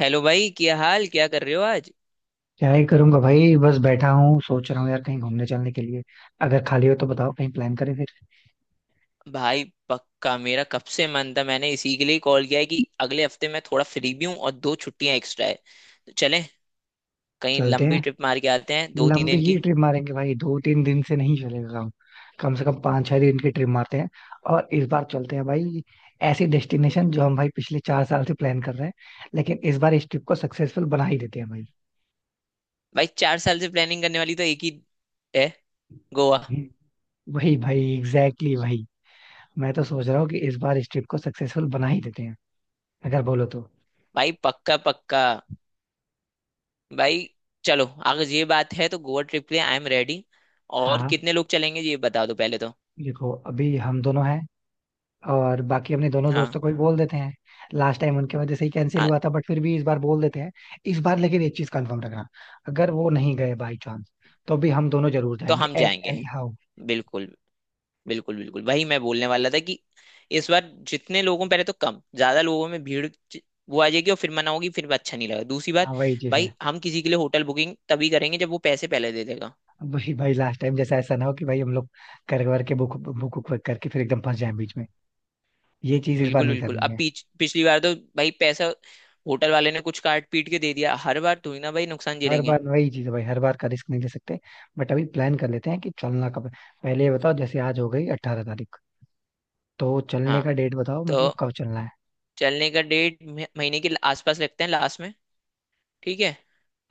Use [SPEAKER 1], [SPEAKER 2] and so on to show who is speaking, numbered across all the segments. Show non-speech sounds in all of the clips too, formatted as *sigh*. [SPEAKER 1] Hello भाई, क्या हाल? क्या कर रहे हो आज?
[SPEAKER 2] क्या ही करूंगा भाई, बस बैठा हूँ सोच रहा हूँ यार, कहीं घूमने चलने के लिए अगर खाली हो तो बताओ, कहीं प्लान करें फिर।
[SPEAKER 1] भाई पक्का, मेरा कब से मन था। मैंने इसी के लिए कॉल किया है कि अगले हफ्ते मैं थोड़ा फ्री भी हूँ और दो छुट्टियां एक्स्ट्रा है। तो चलें, कहीं
[SPEAKER 2] चलते
[SPEAKER 1] लंबी
[SPEAKER 2] हैं,
[SPEAKER 1] ट्रिप मार के आते हैं दो तीन
[SPEAKER 2] लंबी
[SPEAKER 1] दिन
[SPEAKER 2] ही
[SPEAKER 1] की।
[SPEAKER 2] ट्रिप मारेंगे भाई, दो तीन दिन से नहीं चलेगा काम। कम से कम पाँच छह दिन की ट्रिप मारते हैं, और इस बार चलते हैं भाई ऐसी डेस्टिनेशन जो हम भाई पिछले चार साल से प्लान कर रहे हैं, लेकिन इस बार इस ट्रिप को सक्सेसफुल बना ही देते हैं भाई।
[SPEAKER 1] भाई 4 साल से प्लानिंग करने वाली तो एक ही है, गोवा।
[SPEAKER 2] हम्म। वही भाई, एग्जैक्टली exactly भाई। मैं तो सोच रहा हूँ कि इस बार इस ट्रिप को सक्सेसफुल बना ही देते हैं, अगर बोलो तो।
[SPEAKER 1] भाई पक्का पक्का। भाई चलो, अगर ये बात है तो गोवा ट्रिप के लिए आई एम रेडी। और
[SPEAKER 2] हाँ,
[SPEAKER 1] कितने लोग चलेंगे ये बता दो पहले तो।
[SPEAKER 2] देखो, अभी हम दोनों हैं, और बाकी अपने दोनों
[SPEAKER 1] हाँ,
[SPEAKER 2] दोस्तों को भी बोल देते हैं। लास्ट टाइम उनके वजह से ही कैंसिल
[SPEAKER 1] हाँ
[SPEAKER 2] हुआ था, बट फिर भी इस बार बोल देते हैं। इस बार लेकिन एक चीज कंफर्म रखना, अगर वो नहीं गए बाई चांस, तो भी हम दोनों जरूर
[SPEAKER 1] तो
[SPEAKER 2] जाएंगे
[SPEAKER 1] हम
[SPEAKER 2] एट
[SPEAKER 1] जाएंगे।
[SPEAKER 2] Any how.
[SPEAKER 1] बिल्कुल। बिल्कुल वही मैं बोलने वाला था कि इस बार जितने लोगों पहले तो कम ज्यादा लोगों में भीड़ ज- वो आ जाएगी और फिर मना होगी, फिर अच्छा नहीं लगा दूसरी बात।
[SPEAKER 2] हाँ वही चीज
[SPEAKER 1] भाई
[SPEAKER 2] है।
[SPEAKER 1] हम किसी के लिए होटल बुकिंग तभी करेंगे जब वो पैसे पहले दे देगा।
[SPEAKER 2] भाई भाई लास्ट टाइम जैसा ऐसा ना हो कि भाई हम लोग कर कर के बुक बुक बुक करके फिर एकदम फंस जाए बीच में। ये चीज इस बार
[SPEAKER 1] बिल्कुल
[SPEAKER 2] नहीं
[SPEAKER 1] बिल्कुल,
[SPEAKER 2] करनी
[SPEAKER 1] अब
[SPEAKER 2] है।
[SPEAKER 1] पीछ पिछली बार तो भाई पैसा होटल वाले ने कुछ काट पीट के दे दिया। हर बार थोड़ी ना भाई नुकसान
[SPEAKER 2] हर
[SPEAKER 1] झेलेंगे।
[SPEAKER 2] बार वही चीज है भाई, हर बार का रिस्क नहीं ले सकते। बट अभी प्लान कर लेते हैं कि चलना कब है। पहले ये बताओ, जैसे आज हो गई अट्ठारह तारीख, तो चलने
[SPEAKER 1] हाँ,
[SPEAKER 2] का डेट बताओ,
[SPEAKER 1] तो
[SPEAKER 2] मतलब कब चलना है।
[SPEAKER 1] चलने का डेट महीने के आसपास रखते हैं, लास्ट में। ठीक है।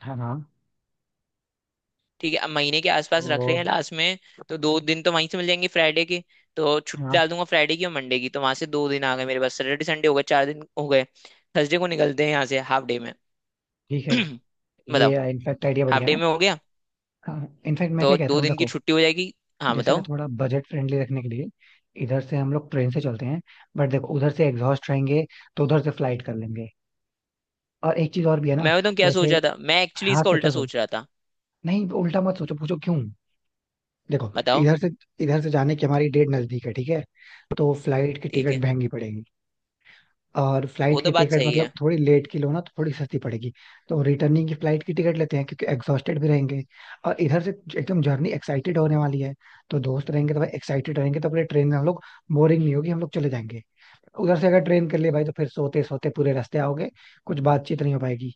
[SPEAKER 2] हाँ हाँ।
[SPEAKER 1] ठीक है, अब महीने के आसपास रख रहे
[SPEAKER 2] तो
[SPEAKER 1] हैं लास्ट में। तो 2 दिन तो वहीं से मिल जाएंगे, फ्राइडे की तो छुट्टी
[SPEAKER 2] हाँ,
[SPEAKER 1] डाल दूंगा, फ्राइडे की और मंडे की, तो वहां से 2 दिन आ गए, मेरे पास सैटरडे संडे हो गए, 4 दिन हो गए। थर्सडे को निकलते हैं यहाँ से हाफ डे में।
[SPEAKER 2] ठीक है।
[SPEAKER 1] *clears throat* बताओ।
[SPEAKER 2] ये इनफैक्ट आइडिया
[SPEAKER 1] हाफ
[SPEAKER 2] बढ़िया
[SPEAKER 1] डे
[SPEAKER 2] है।
[SPEAKER 1] में हो गया
[SPEAKER 2] हाँ, इनफैक्ट मैं क्या
[SPEAKER 1] तो
[SPEAKER 2] कहता
[SPEAKER 1] दो
[SPEAKER 2] हूँ,
[SPEAKER 1] दिन की
[SPEAKER 2] देखो,
[SPEAKER 1] छुट्टी हो जाएगी। हाँ
[SPEAKER 2] जैसे ना
[SPEAKER 1] बताओ।
[SPEAKER 2] थोड़ा बजट फ्रेंडली रखने के लिए इधर से हम लोग ट्रेन से चलते हैं, बट देखो उधर से एग्जॉस्ट रहेंगे, तो उधर से फ्लाइट कर लेंगे। और एक चीज और भी है ना।
[SPEAKER 1] मैं बताऊँ क्या
[SPEAKER 2] जैसे,
[SPEAKER 1] सोच रहा था? मैं एक्चुअली
[SPEAKER 2] हाँ
[SPEAKER 1] इसका उल्टा
[SPEAKER 2] सोचो सोचो,
[SPEAKER 1] सोच रहा था।
[SPEAKER 2] नहीं उल्टा मत सोचो, पूछो क्यों। देखो,
[SPEAKER 1] बताओ।
[SPEAKER 2] इधर से इधर से जाने की हमारी डेट नजदीक है, ठीक है, तो फ्लाइट की
[SPEAKER 1] ठीक है,
[SPEAKER 2] टिकट महंगी पड़ेगी। और
[SPEAKER 1] वो
[SPEAKER 2] फ्लाइट
[SPEAKER 1] तो
[SPEAKER 2] की
[SPEAKER 1] बात
[SPEAKER 2] टिकट
[SPEAKER 1] सही
[SPEAKER 2] मतलब
[SPEAKER 1] है।
[SPEAKER 2] थोड़ी लेट की लो ना तो थोड़ी सस्ती पड़ेगी। तो रिटर्निंग की फ्लाइट की टिकट लेते हैं, क्योंकि एग्जॉस्टेड भी रहेंगे। और इधर से एकदम जर्नी एक्साइटेड होने वाली है, तो दोस्त रहेंगे तो भाई एक्साइटेड रहेंगे, तो अपने ट्रेन में हम लोग बोरिंग नहीं होगी, हम लोग चले जाएंगे। उधर से अगर ट्रेन कर लिए भाई, तो फिर सोते सोते पूरे रास्ते आओगे, कुछ बातचीत नहीं हो पाएगी,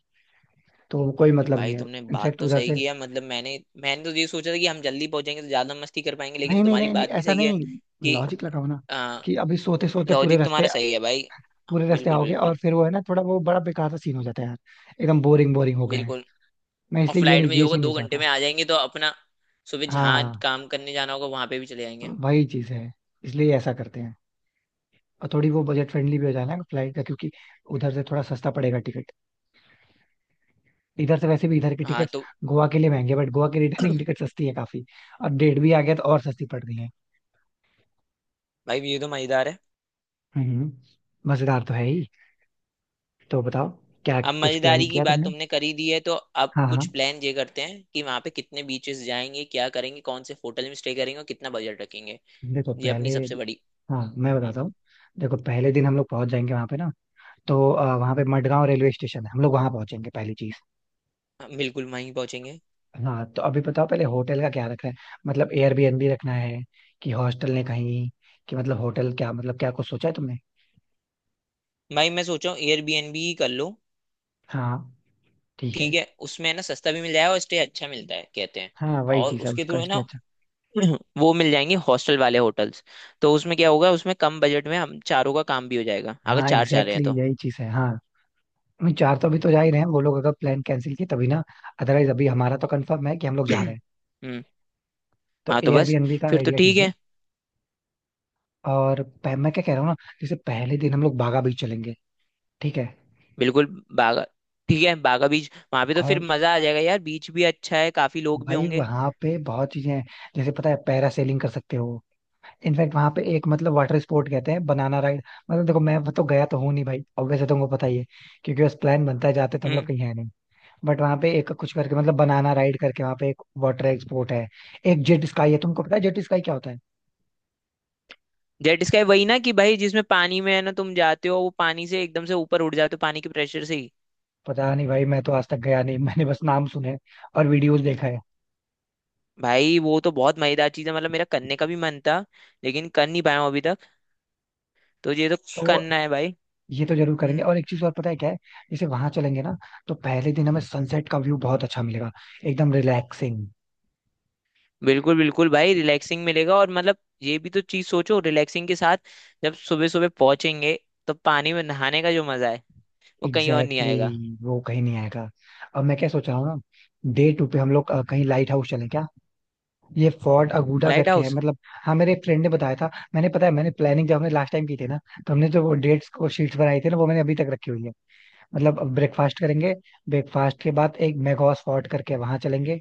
[SPEAKER 2] तो कोई मतलब
[SPEAKER 1] भाई
[SPEAKER 2] नहीं है।
[SPEAKER 1] तुमने बात
[SPEAKER 2] इनफैक्ट
[SPEAKER 1] तो
[SPEAKER 2] उधर
[SPEAKER 1] सही
[SPEAKER 2] से,
[SPEAKER 1] की है। मतलब मैंने मैंने तो ये सोचा था कि हम जल्दी पहुंचेंगे तो ज्यादा मस्ती कर पाएंगे, लेकिन
[SPEAKER 2] नहीं नहीं
[SPEAKER 1] तुम्हारी
[SPEAKER 2] नहीं नहीं
[SPEAKER 1] बात भी
[SPEAKER 2] ऐसा
[SPEAKER 1] सही है
[SPEAKER 2] नहीं,
[SPEAKER 1] कि
[SPEAKER 2] लॉजिक लगाओ ना, कि अभी सोते सोते पूरे
[SPEAKER 1] लॉजिक
[SPEAKER 2] रास्ते
[SPEAKER 1] तुम्हारा सही है भाई।
[SPEAKER 2] पूरे रास्ते
[SPEAKER 1] बिल्कुल
[SPEAKER 2] आओगे और
[SPEAKER 1] बिल्कुल
[SPEAKER 2] फिर वो है ना, थोड़ा वो बड़ा बेकार सा सीन हो जाता है यार। एकदम बोरिंग बोरिंग हो गए।
[SPEAKER 1] बिल्कुल।
[SPEAKER 2] मैं
[SPEAKER 1] और
[SPEAKER 2] इसलिए ये
[SPEAKER 1] फ्लाइट
[SPEAKER 2] नहीं,
[SPEAKER 1] में ये
[SPEAKER 2] ये
[SPEAKER 1] होगा,
[SPEAKER 2] चीज नहीं
[SPEAKER 1] 2 घंटे
[SPEAKER 2] चाहता।
[SPEAKER 1] में आ जाएंगे तो अपना सुबह जहाँ
[SPEAKER 2] हाँ
[SPEAKER 1] काम करने जाना होगा वहां पे भी चले जाएंगे।
[SPEAKER 2] वही चीज है, इसलिए ऐसा करते हैं। और थोड़ी वो बजट फ्रेंडली भी हो जाए ना फ्लाइट का, क्योंकि उधर से थोड़ा सस्ता पड़ेगा टिकट। इधर से वैसे भी इधर की
[SPEAKER 1] हाँ
[SPEAKER 2] टिकट्स
[SPEAKER 1] तो
[SPEAKER 2] गोवा के लिए महंगे, बट गोवा की रिटर्निंग टिकट सस्ती है काफी, और डेट भी आ गया तो और सस्ती पड़ रही है।
[SPEAKER 1] भाई ये तो मजेदार है।
[SPEAKER 2] हम्म। मजेदार तो है ही। तो बताओ, क्या
[SPEAKER 1] अब
[SPEAKER 2] कुछ प्लान
[SPEAKER 1] मजेदारी की
[SPEAKER 2] किया
[SPEAKER 1] बात
[SPEAKER 2] तुमने।
[SPEAKER 1] तुमने करी दी है तो अब
[SPEAKER 2] हाँ
[SPEAKER 1] कुछ
[SPEAKER 2] हाँ,
[SPEAKER 1] प्लान ये करते हैं कि वहां पे कितने बीचेस जाएंगे, क्या करेंगे, कौन से होटल में स्टे करेंगे और कितना बजट रखेंगे।
[SPEAKER 2] देखो
[SPEAKER 1] ये
[SPEAKER 2] पहले,
[SPEAKER 1] अपनी सबसे बड़ी।
[SPEAKER 2] हाँ मैं
[SPEAKER 1] हम्म,
[SPEAKER 2] बताता हूँ। देखो पहले दिन हम लोग पहुंच जाएंगे वहां पे ना, तो वहां पे मडगांव रेलवे स्टेशन है, हम लोग वहां पहुंचेंगे पहली चीज।
[SPEAKER 1] हाँ, बिल्कुल वहीं पहुंचेंगे।
[SPEAKER 2] हाँ, तो अभी बताओ पहले होटल का क्या रखना है, मतलब एयरबीएनबी रखना है कि हॉस्टल ने कहीं, कि मतलब होटल क्या, मतलब क्या कुछ सोचा है तुमने।
[SPEAKER 1] भाई मैं सोच रहा हूँ एयरबीएनबी ही कर लो।
[SPEAKER 2] हाँ, ठीक है।
[SPEAKER 1] ठीक है, उसमें है ना सस्ता भी मिल जाएगा और स्टे अच्छा मिलता है कहते हैं।
[SPEAKER 2] हाँ वही
[SPEAKER 1] और
[SPEAKER 2] चीज़ है,
[SPEAKER 1] उसके थ्रू
[SPEAKER 2] उसका
[SPEAKER 1] है ना
[SPEAKER 2] स्टे अच्छा।
[SPEAKER 1] *clears throat* वो मिल जाएंगे हॉस्टल वाले होटल्स। तो उसमें क्या होगा, उसमें कम बजट में हम चारों का काम भी हो जाएगा अगर
[SPEAKER 2] हाँ
[SPEAKER 1] चार चाह रहे हैं
[SPEAKER 2] एग्जैक्टली
[SPEAKER 1] तो।
[SPEAKER 2] exactly, यही
[SPEAKER 1] *clears throat*
[SPEAKER 2] चीज़ है। हाँ, नहीं, चार तो अभी तो जा ही रहे हैं वो लोग अगर प्लान कैंसिल किए तभी ना, अदरवाइज अभी हमारा तो कंफर्म है कि हम लोग जा रहे हैं।
[SPEAKER 1] हम्म।
[SPEAKER 2] तो
[SPEAKER 1] हाँ तो बस,
[SPEAKER 2] एयरबीएनबी का
[SPEAKER 1] फिर तो
[SPEAKER 2] आइडिया
[SPEAKER 1] ठीक
[SPEAKER 2] ठीक है।
[SPEAKER 1] है।
[SPEAKER 2] और मैं क्या कह रहा हूँ ना, जैसे पहले दिन हम लोग बागा बीच चलेंगे, ठीक है।
[SPEAKER 1] बिल्कुल। बागा। ठीक है, बागा बीच, वहां पे तो फिर
[SPEAKER 2] और
[SPEAKER 1] मजा आ जाएगा यार, बीच भी अच्छा है, काफी लोग भी
[SPEAKER 2] भाई
[SPEAKER 1] होंगे।
[SPEAKER 2] वहां पे बहुत चीजें हैं, जैसे पता है पैरासेलिंग कर सकते हो। इनफैक्ट वहां पे एक, मतलब वाटर स्पोर्ट कहते हैं, बनाना राइड। मतलब देखो, मैं तो गया तो हूँ नहीं भाई, ऑब्वियसली तुमको पता ही है, क्योंकि बस प्लान बनता है, जाते तो हम लोग
[SPEAKER 1] हम्म।
[SPEAKER 2] कहीं है नहीं। बट वहां पे एक कुछ करके, मतलब बनाना राइड करके, वहां पे एक वाटर स्पोर्ट है। एक जेट स्काई है, तुमको पता है जेट स्काई क्या होता है।
[SPEAKER 1] जेट स्काई वही ना कि भाई जिसमें पानी में है ना तुम जाते हो, वो पानी से एकदम से ऊपर उड़ जाते हो पानी के प्रेशर से ही।
[SPEAKER 2] पता नहीं भाई, मैं तो आज तक गया नहीं *laughs* मैंने बस नाम सुने हैं और वीडियोस देखा है।
[SPEAKER 1] भाई वो तो बहुत मजेदार चीज है, मतलब मेरा करने का भी मन था, लेकिन कर नहीं पाया हूँ अभी तक। तो ये तो
[SPEAKER 2] तो
[SPEAKER 1] करना है भाई।
[SPEAKER 2] ये तो जरूर करेंगे।
[SPEAKER 1] हम्म।
[SPEAKER 2] और एक चीज और पता है क्या है, जैसे वहां चलेंगे ना, तो पहले दिन हमें सनसेट का व्यू बहुत अच्छा मिलेगा, एकदम रिलैक्सिंग।
[SPEAKER 1] बिल्कुल बिल्कुल भाई, रिलैक्सिंग मिलेगा। और मतलब ये भी तो चीज सोचो, रिलैक्सिंग के साथ जब सुबह सुबह पहुंचेंगे तो पानी में नहाने का जो मजा है वो कहीं और नहीं
[SPEAKER 2] एग्जैक्टली
[SPEAKER 1] आएगा।
[SPEAKER 2] exactly, वो कहीं नहीं आएगा। अब मैं क्या सोच रहा हूँ ना, डे टू पे हम लोग कहीं लाइट हाउस चलें क्या। ये फोर्ट अगुडा
[SPEAKER 1] लाइट
[SPEAKER 2] करके है
[SPEAKER 1] हाउस।
[SPEAKER 2] मतलब। हाँ, मेरे एक फ्रेंड ने बताया था। मैंने, पता है मैंने प्लानिंग जब हमने लास्ट टाइम की थी ना, तो हमने जो वो डेट्स को शीट्स बनाई थी ना, वो मैंने अभी तक रखी हुई है। मतलब ब्रेकफास्ट करेंगे, ब्रेकफास्ट के बाद एक मेघोस फोर्ट करके वहां चलेंगे,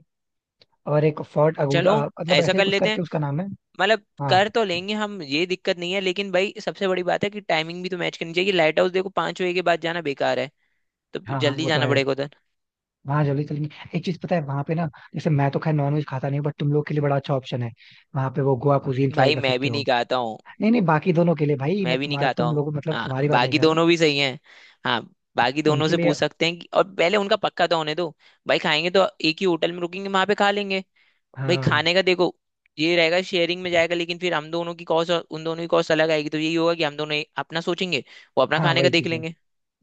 [SPEAKER 2] और एक फोर्ट
[SPEAKER 1] चलो
[SPEAKER 2] अगुडा, मतलब
[SPEAKER 1] ऐसा
[SPEAKER 2] ऐसे ही
[SPEAKER 1] कर
[SPEAKER 2] कुछ
[SPEAKER 1] लेते हैं।
[SPEAKER 2] करके उसका नाम है।
[SPEAKER 1] मतलब
[SPEAKER 2] हाँ
[SPEAKER 1] कर तो लेंगे हम, ये दिक्कत नहीं है, लेकिन भाई सबसे बड़ी बात है कि टाइमिंग भी तो मैच करनी चाहिए। लाइट हाउस देखो, 5 बजे के बाद जाना बेकार है, तो
[SPEAKER 2] हाँ। हाँ
[SPEAKER 1] जल्दी
[SPEAKER 2] वो तो
[SPEAKER 1] जाना
[SPEAKER 2] है,
[SPEAKER 1] पड़ेगा उधर।
[SPEAKER 2] वहाँ जल्दी चलेंगे। एक चीज पता है वहां पे ना, जैसे मैं तो खैर नॉनवेज खाता नहीं हूँ, बट तुम लोग के लिए बड़ा अच्छा ऑप्शन है, वहां पे वो गोवा कुजीन ट्राई
[SPEAKER 1] भाई
[SPEAKER 2] कर
[SPEAKER 1] मैं
[SPEAKER 2] सकते
[SPEAKER 1] भी नहीं
[SPEAKER 2] हो।
[SPEAKER 1] कहता।
[SPEAKER 2] नहीं नहीं, बाकी दोनों के लिए भाई,
[SPEAKER 1] मैं
[SPEAKER 2] मैं
[SPEAKER 1] भी नहीं
[SPEAKER 2] तुम्हारा
[SPEAKER 1] खाता
[SPEAKER 2] तुम
[SPEAKER 1] हूँ।
[SPEAKER 2] लोग मतलब
[SPEAKER 1] हाँ,
[SPEAKER 2] तुम्हारी बात नहीं
[SPEAKER 1] बाकी
[SPEAKER 2] कर रहा,
[SPEAKER 1] दोनों भी सही हैं। हाँ, बाकी दोनों
[SPEAKER 2] उनके
[SPEAKER 1] से
[SPEAKER 2] लिए।
[SPEAKER 1] पूछ सकते हैं कि, और पहले उनका पक्का तो होने दो। भाई खाएंगे तो एक ही होटल में रुकेंगे, वहां पे खा लेंगे। भाई
[SPEAKER 2] हाँ
[SPEAKER 1] खाने का देखो, ये रहेगा शेयरिंग में जाएगा, लेकिन फिर हम दोनों की कॉस्ट और उन दोनों की कॉस्ट अलग आएगी, तो यही होगा कि हम दोनों अपना सोचेंगे, वो अपना
[SPEAKER 2] हाँ
[SPEAKER 1] खाने का
[SPEAKER 2] वही
[SPEAKER 1] देख
[SPEAKER 2] चीज है,
[SPEAKER 1] लेंगे।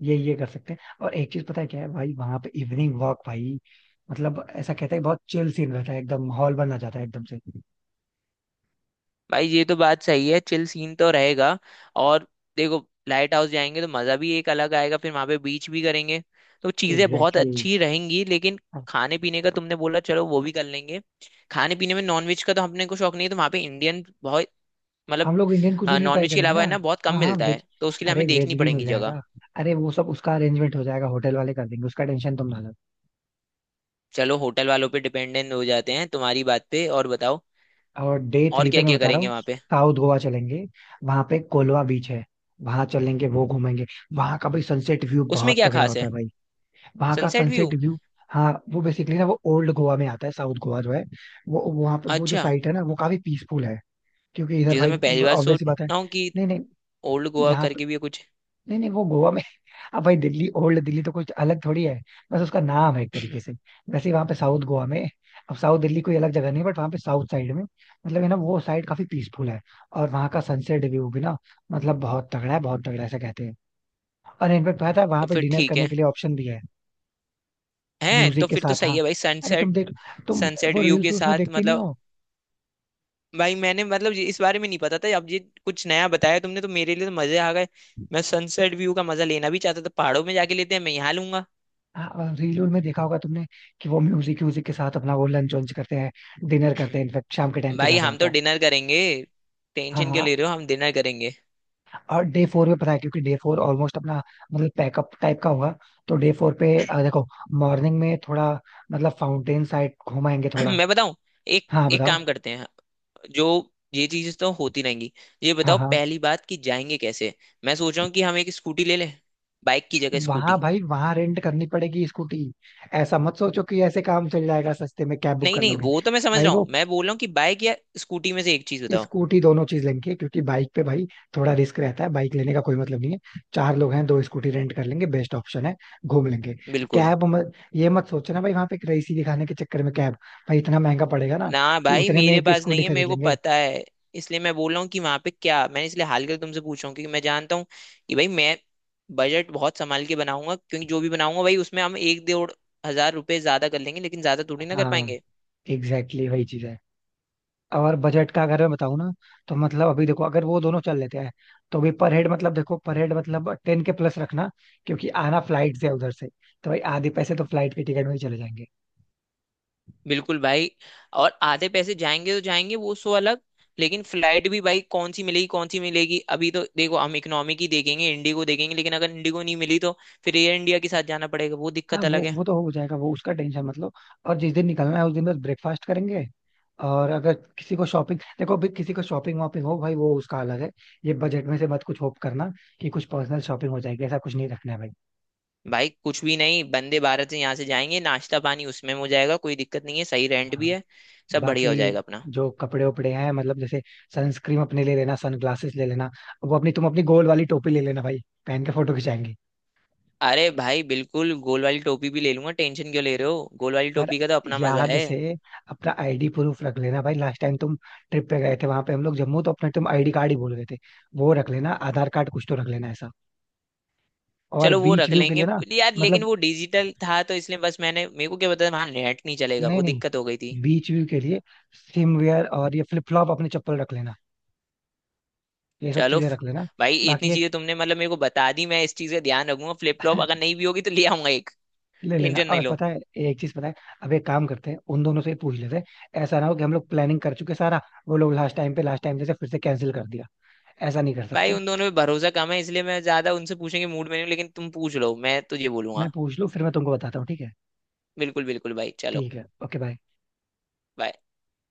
[SPEAKER 2] ये कर सकते हैं। और एक चीज पता है क्या है भाई, वहां पे इवनिंग वॉक भाई, मतलब ऐसा कहते हैं बहुत चिल सीन रहता है, एकदम माहौल बन आ जाता है एकदम से।
[SPEAKER 1] भाई ये तो बात सही है, चिल सीन तो रहेगा। और देखो, लाइट हाउस जाएंगे तो मजा भी एक अलग आएगा, फिर वहां पे बीच भी करेंगे, तो चीजें बहुत
[SPEAKER 2] एग्जैक्टली exactly.
[SPEAKER 1] अच्छी रहेंगी, लेकिन खाने पीने का तुमने बोला, चलो वो भी कर लेंगे। खाने पीने में नॉनवेज का तो हमने को शौक नहीं है, तो वहां पे इंडियन बहुत, मतलब
[SPEAKER 2] हम लोग इंडियन कुजीन भी ट्राई
[SPEAKER 1] नॉनवेज के
[SPEAKER 2] करेंगे
[SPEAKER 1] अलावा
[SPEAKER 2] ना।
[SPEAKER 1] है ना बहुत कम
[SPEAKER 2] हाँ हाँ,
[SPEAKER 1] मिलता है,
[SPEAKER 2] वेज,
[SPEAKER 1] तो उसके लिए
[SPEAKER 2] अरे
[SPEAKER 1] हमें
[SPEAKER 2] वेज
[SPEAKER 1] देखनी
[SPEAKER 2] भी मिल
[SPEAKER 1] पड़ेगी जगह।
[SPEAKER 2] जाएगा, अरे वो सब उसका अरेंजमेंट हो जाएगा, होटल वाले कर देंगे, उसका टेंशन तुम ना लो।
[SPEAKER 1] चलो होटल वालों पे डिपेंडेंट हो जाते हैं तुम्हारी बात पे। और बताओ
[SPEAKER 2] और डे
[SPEAKER 1] और
[SPEAKER 2] थ्री पे
[SPEAKER 1] क्या
[SPEAKER 2] मैं
[SPEAKER 1] क्या
[SPEAKER 2] बता रहा
[SPEAKER 1] करेंगे
[SPEAKER 2] हूँ,
[SPEAKER 1] वहां पे?
[SPEAKER 2] साउथ गोवा चलेंगे, वहां पे कोलवा बीच है, वहां चलेंगे वो घूमेंगे। वहां का भाई सनसेट व्यू
[SPEAKER 1] उसमें
[SPEAKER 2] बहुत
[SPEAKER 1] क्या
[SPEAKER 2] तगड़ा
[SPEAKER 1] खास
[SPEAKER 2] होता
[SPEAKER 1] है?
[SPEAKER 2] है भाई, वहां का
[SPEAKER 1] सनसेट व्यू?
[SPEAKER 2] Sunset view. हाँ, वो बेसिकली ना वो ओल्ड गोवा में आता है साउथ गोवा जो है। वो वहां पे वो जो
[SPEAKER 1] अच्छा,
[SPEAKER 2] साइट है ना, वो काफी पीसफुल है, क्योंकि इधर
[SPEAKER 1] ये तो
[SPEAKER 2] भाई,
[SPEAKER 1] मैं पहली बार
[SPEAKER 2] ऑब्वियस
[SPEAKER 1] सोच
[SPEAKER 2] सी बात है।
[SPEAKER 1] रहा हूँ कि
[SPEAKER 2] नहीं नहीं,
[SPEAKER 1] ओल्ड गोवा
[SPEAKER 2] यहाँ पे,
[SPEAKER 1] करके भी है कुछ।
[SPEAKER 2] नहीं नहीं वो गोवा में। अब भाई दिल्ली, ओल्ड दिल्ली तो कुछ अलग थोड़ी है, बस उसका नाम है एक
[SPEAKER 1] *clears throat*
[SPEAKER 2] तरीके से। वैसे ही वहाँ पे साउथ गोवा में, अब साउथ दिल्ली कोई अलग जगह नहीं, बट वहाँ पे साउथ साइड में मतलब है ना, वो साइड काफी पीसफुल है। और वहाँ का सनसेट व्यू भी ना, मतलब बहुत तगड़ा है, बहुत तगड़ा ऐसा कहते हैं। और इनफेक्ट पता है वहाँ
[SPEAKER 1] तो
[SPEAKER 2] पे
[SPEAKER 1] फिर
[SPEAKER 2] डिनर
[SPEAKER 1] ठीक
[SPEAKER 2] करने
[SPEAKER 1] है।
[SPEAKER 2] के लिए ऑप्शन भी है,
[SPEAKER 1] हैं तो
[SPEAKER 2] म्यूजिक के
[SPEAKER 1] फिर तो
[SPEAKER 2] साथ।
[SPEAKER 1] सही
[SPEAKER 2] हाँ,
[SPEAKER 1] है भाई।
[SPEAKER 2] अरे
[SPEAKER 1] सनसेट।
[SPEAKER 2] तुम देख, तुम
[SPEAKER 1] सनसेट
[SPEAKER 2] वो
[SPEAKER 1] व्यू
[SPEAKER 2] रील्स
[SPEAKER 1] के
[SPEAKER 2] उसमें
[SPEAKER 1] साथ
[SPEAKER 2] देखती नहीं
[SPEAKER 1] मतलब?
[SPEAKER 2] हो।
[SPEAKER 1] भाई मैंने मतलब इस बारे में नहीं पता था, अब ये कुछ नया बताया तुमने तो मेरे लिए तो मजे आ गए। मैं सनसेट व्यू का मजा लेना भी चाहता था, पहाड़ों में जाके लेते हैं, मैं यहाँ लूंगा।
[SPEAKER 2] हाँ रील में देखा होगा तुमने कि वो म्यूजिक म्यूजिक के साथ अपना वो लंच वंच करते हैं, डिनर करते हैं, इनफेक्ट शाम के
[SPEAKER 1] *clears throat*
[SPEAKER 2] टाइम के
[SPEAKER 1] भाई
[SPEAKER 2] ज्यादा
[SPEAKER 1] हम
[SPEAKER 2] आता
[SPEAKER 1] तो
[SPEAKER 2] है।
[SPEAKER 1] डिनर करेंगे,
[SPEAKER 2] हाँ
[SPEAKER 1] टेंशन क्यों
[SPEAKER 2] हाँ।
[SPEAKER 1] ले रहे हो, हम डिनर करेंगे।
[SPEAKER 2] और डे फोर पे पता है, क्योंकि डे फोर ऑलमोस्ट अपना मतलब पैकअप टाइप का होगा, तो डे फोर पे देखो मॉर्निंग में थोड़ा, मतलब फाउंटेन साइड घुमाएंगे
[SPEAKER 1] *clears throat*
[SPEAKER 2] थोड़ा।
[SPEAKER 1] मैं बताऊं, एक
[SPEAKER 2] हाँ
[SPEAKER 1] एक
[SPEAKER 2] बताओ।
[SPEAKER 1] काम करते हैं। जो, ये चीजें तो होती रहेंगी। ये
[SPEAKER 2] हाँ
[SPEAKER 1] बताओ
[SPEAKER 2] हाँ,
[SPEAKER 1] पहली बात कि जाएंगे कैसे। मैं सोच रहा हूँ कि हम एक स्कूटी ले लें, बाइक की जगह
[SPEAKER 2] वहां
[SPEAKER 1] स्कूटी।
[SPEAKER 2] भाई वहां रेंट करनी पड़ेगी स्कूटी, ऐसा मत सोचो कि ऐसे काम चल जाएगा सस्ते में कैब बुक
[SPEAKER 1] नहीं
[SPEAKER 2] कर
[SPEAKER 1] नहीं
[SPEAKER 2] लोगे।
[SPEAKER 1] वो तो मैं समझ
[SPEAKER 2] भाई
[SPEAKER 1] रहा हूँ,
[SPEAKER 2] वो
[SPEAKER 1] मैं बोल रहा हूँ कि बाइक या स्कूटी में से एक चीज बताओ।
[SPEAKER 2] स्कूटी दोनों चीज लेंगे, क्योंकि बाइक पे भाई थोड़ा रिस्क रहता है, बाइक लेने का कोई मतलब नहीं है। चार लोग हैं, दो स्कूटी रेंट कर लेंगे, बेस्ट ऑप्शन है, घूम लेंगे।
[SPEAKER 1] बिल्कुल।
[SPEAKER 2] कैब मत, ये मत सोचना भाई वहां पे रईसी दिखाने के चक्कर में कैब, भाई इतना महंगा पड़ेगा ना
[SPEAKER 1] ना
[SPEAKER 2] कि
[SPEAKER 1] भाई,
[SPEAKER 2] उतने में
[SPEAKER 1] मेरे
[SPEAKER 2] एक
[SPEAKER 1] पास नहीं
[SPEAKER 2] स्कूटी
[SPEAKER 1] है, मेरे
[SPEAKER 2] खरीद
[SPEAKER 1] को
[SPEAKER 2] लेंगे।
[SPEAKER 1] पता है। इसलिए मैं बोल रहा हूँ कि वहां पे क्या, मैं इसलिए हाल कर तुमसे पूछ रहा हूँ क्योंकि मैं जानता हूँ कि भाई मैं बजट बहुत संभाल के बनाऊंगा, क्योंकि जो भी बनाऊंगा भाई उसमें हम 1 डेढ़ हज़ार रुपए ज्यादा कर लेंगे, लेकिन ज्यादा थोड़ी ना कर
[SPEAKER 2] हाँ
[SPEAKER 1] पाएंगे।
[SPEAKER 2] एग्जैक्टली exactly वही चीज है। और बजट का अगर मैं बताऊं ना, तो मतलब अभी देखो अगर वो दोनों चल लेते हैं, तो भी पर हेड मतलब देखो पर हेड मतलब टेन के प्लस रखना, क्योंकि आना फ्लाइट से है उधर से, तो भाई आधे पैसे तो फ्लाइट के टिकट में ही चले जाएंगे।
[SPEAKER 1] बिल्कुल भाई। और आधे पैसे जाएंगे तो जाएंगे, वो सो अलग। लेकिन फ्लाइट भी भाई कौन सी मिलेगी कौन सी मिलेगी, अभी तो देखो हम इकोनॉमी की देखेंगे, इंडिगो देखेंगे, लेकिन अगर इंडिगो नहीं मिली तो फिर एयर इंडिया के साथ जाना पड़ेगा, वो
[SPEAKER 2] हाँ
[SPEAKER 1] दिक्कत अलग है।
[SPEAKER 2] वो तो हो जाएगा, वो उसका टेंशन मतलब। और जिस दिन निकलना है उस दिन बस ब्रेकफास्ट करेंगे। और अगर किसी को शॉपिंग, देखो अभी किसी को शॉपिंग वॉपिंग हो भाई वो उसका अलग है, ये बजट में से मत कुछ होप करना कि कुछ पर्सनल शॉपिंग हो जाएगी, ऐसा कुछ नहीं रखना है भाई।
[SPEAKER 1] भाई कुछ भी नहीं, वंदे भारत से यहाँ से जाएंगे, नाश्ता पानी उसमें हो जाएगा, कोई दिक्कत नहीं है, सही रेंट भी
[SPEAKER 2] हाँ।
[SPEAKER 1] है। सब
[SPEAKER 2] बाकी
[SPEAKER 1] बढ़िया हो जाएगा अपना।
[SPEAKER 2] जो कपड़े वपड़े हैं, मतलब जैसे सनस्क्रीन अपने ले लेना, सनग्लासेस ले लेना, वो अपनी तुम अपनी गोल वाली टोपी ले लेना भाई, पहन के फोटो खिंचाएंगे।
[SPEAKER 1] अरे भाई बिल्कुल, गोल वाली टोपी भी ले लूंगा, टेंशन क्यों ले रहे हो, गोल वाली
[SPEAKER 2] और
[SPEAKER 1] टोपी का तो अपना मजा
[SPEAKER 2] याद
[SPEAKER 1] है।
[SPEAKER 2] से अपना आईडी प्रूफ रख लेना भाई, लास्ट टाइम तुम ट्रिप पे गए थे वहां पे हम लोग जम्मू, तो अपना तुम आईडी कार्ड ही भूल गए थे। वो रख लेना आधार कार्ड कुछ तो रख लेना ऐसा। और
[SPEAKER 1] चलो वो
[SPEAKER 2] बीच
[SPEAKER 1] रख
[SPEAKER 2] व्यू के
[SPEAKER 1] लेंगे,
[SPEAKER 2] लिए ना,
[SPEAKER 1] but यार लेकिन
[SPEAKER 2] मतलब,
[SPEAKER 1] वो डिजिटल था तो इसलिए बस, मैंने मेरे को क्या पता था वहां नेट नहीं चलेगा,
[SPEAKER 2] नहीं
[SPEAKER 1] वो
[SPEAKER 2] नहीं,
[SPEAKER 1] दिक्कत हो गई थी।
[SPEAKER 2] बीच व्यू के लिए स्विम वेयर और ये फ्लिप फ्लॉप अपने चप्पल रख लेना, ये सब
[SPEAKER 1] चलो
[SPEAKER 2] चीजें रख लेना।
[SPEAKER 1] भाई
[SPEAKER 2] बाकी
[SPEAKER 1] इतनी
[SPEAKER 2] एक
[SPEAKER 1] चीजें तुमने मतलब मेरे को बता दी, मैं इस चीज का ध्यान रखूंगा, फ्लिप फ्लॉप अगर
[SPEAKER 2] *laughs*
[SPEAKER 1] नहीं भी होगी तो ले आऊंगा एक।
[SPEAKER 2] ले लेना।
[SPEAKER 1] टेंशन
[SPEAKER 2] और
[SPEAKER 1] नहीं लो।
[SPEAKER 2] पता है एक चीज पता है, अब एक काम करते हैं उन दोनों से ही पूछ लेते हैं, ऐसा ना हो कि हम लोग प्लानिंग कर चुके सारा, वो लोग लास्ट टाइम पे लास्ट टाइम जैसे फिर से कैंसिल कर दिया, ऐसा नहीं कर
[SPEAKER 1] भाई
[SPEAKER 2] सकते।
[SPEAKER 1] उन दोनों पे भरोसा कम है, इसलिए मैं ज्यादा उनसे पूछने के मूड में नहीं हूं, लेकिन तुम पूछ लो मैं तुझे
[SPEAKER 2] मैं
[SPEAKER 1] बोलूंगा।
[SPEAKER 2] पूछ लूं फिर मैं तुमको बताता हूँ, ठीक है।
[SPEAKER 1] बिल्कुल बिल्कुल भाई, चलो
[SPEAKER 2] ठीक है, ओके बाय।
[SPEAKER 1] bye।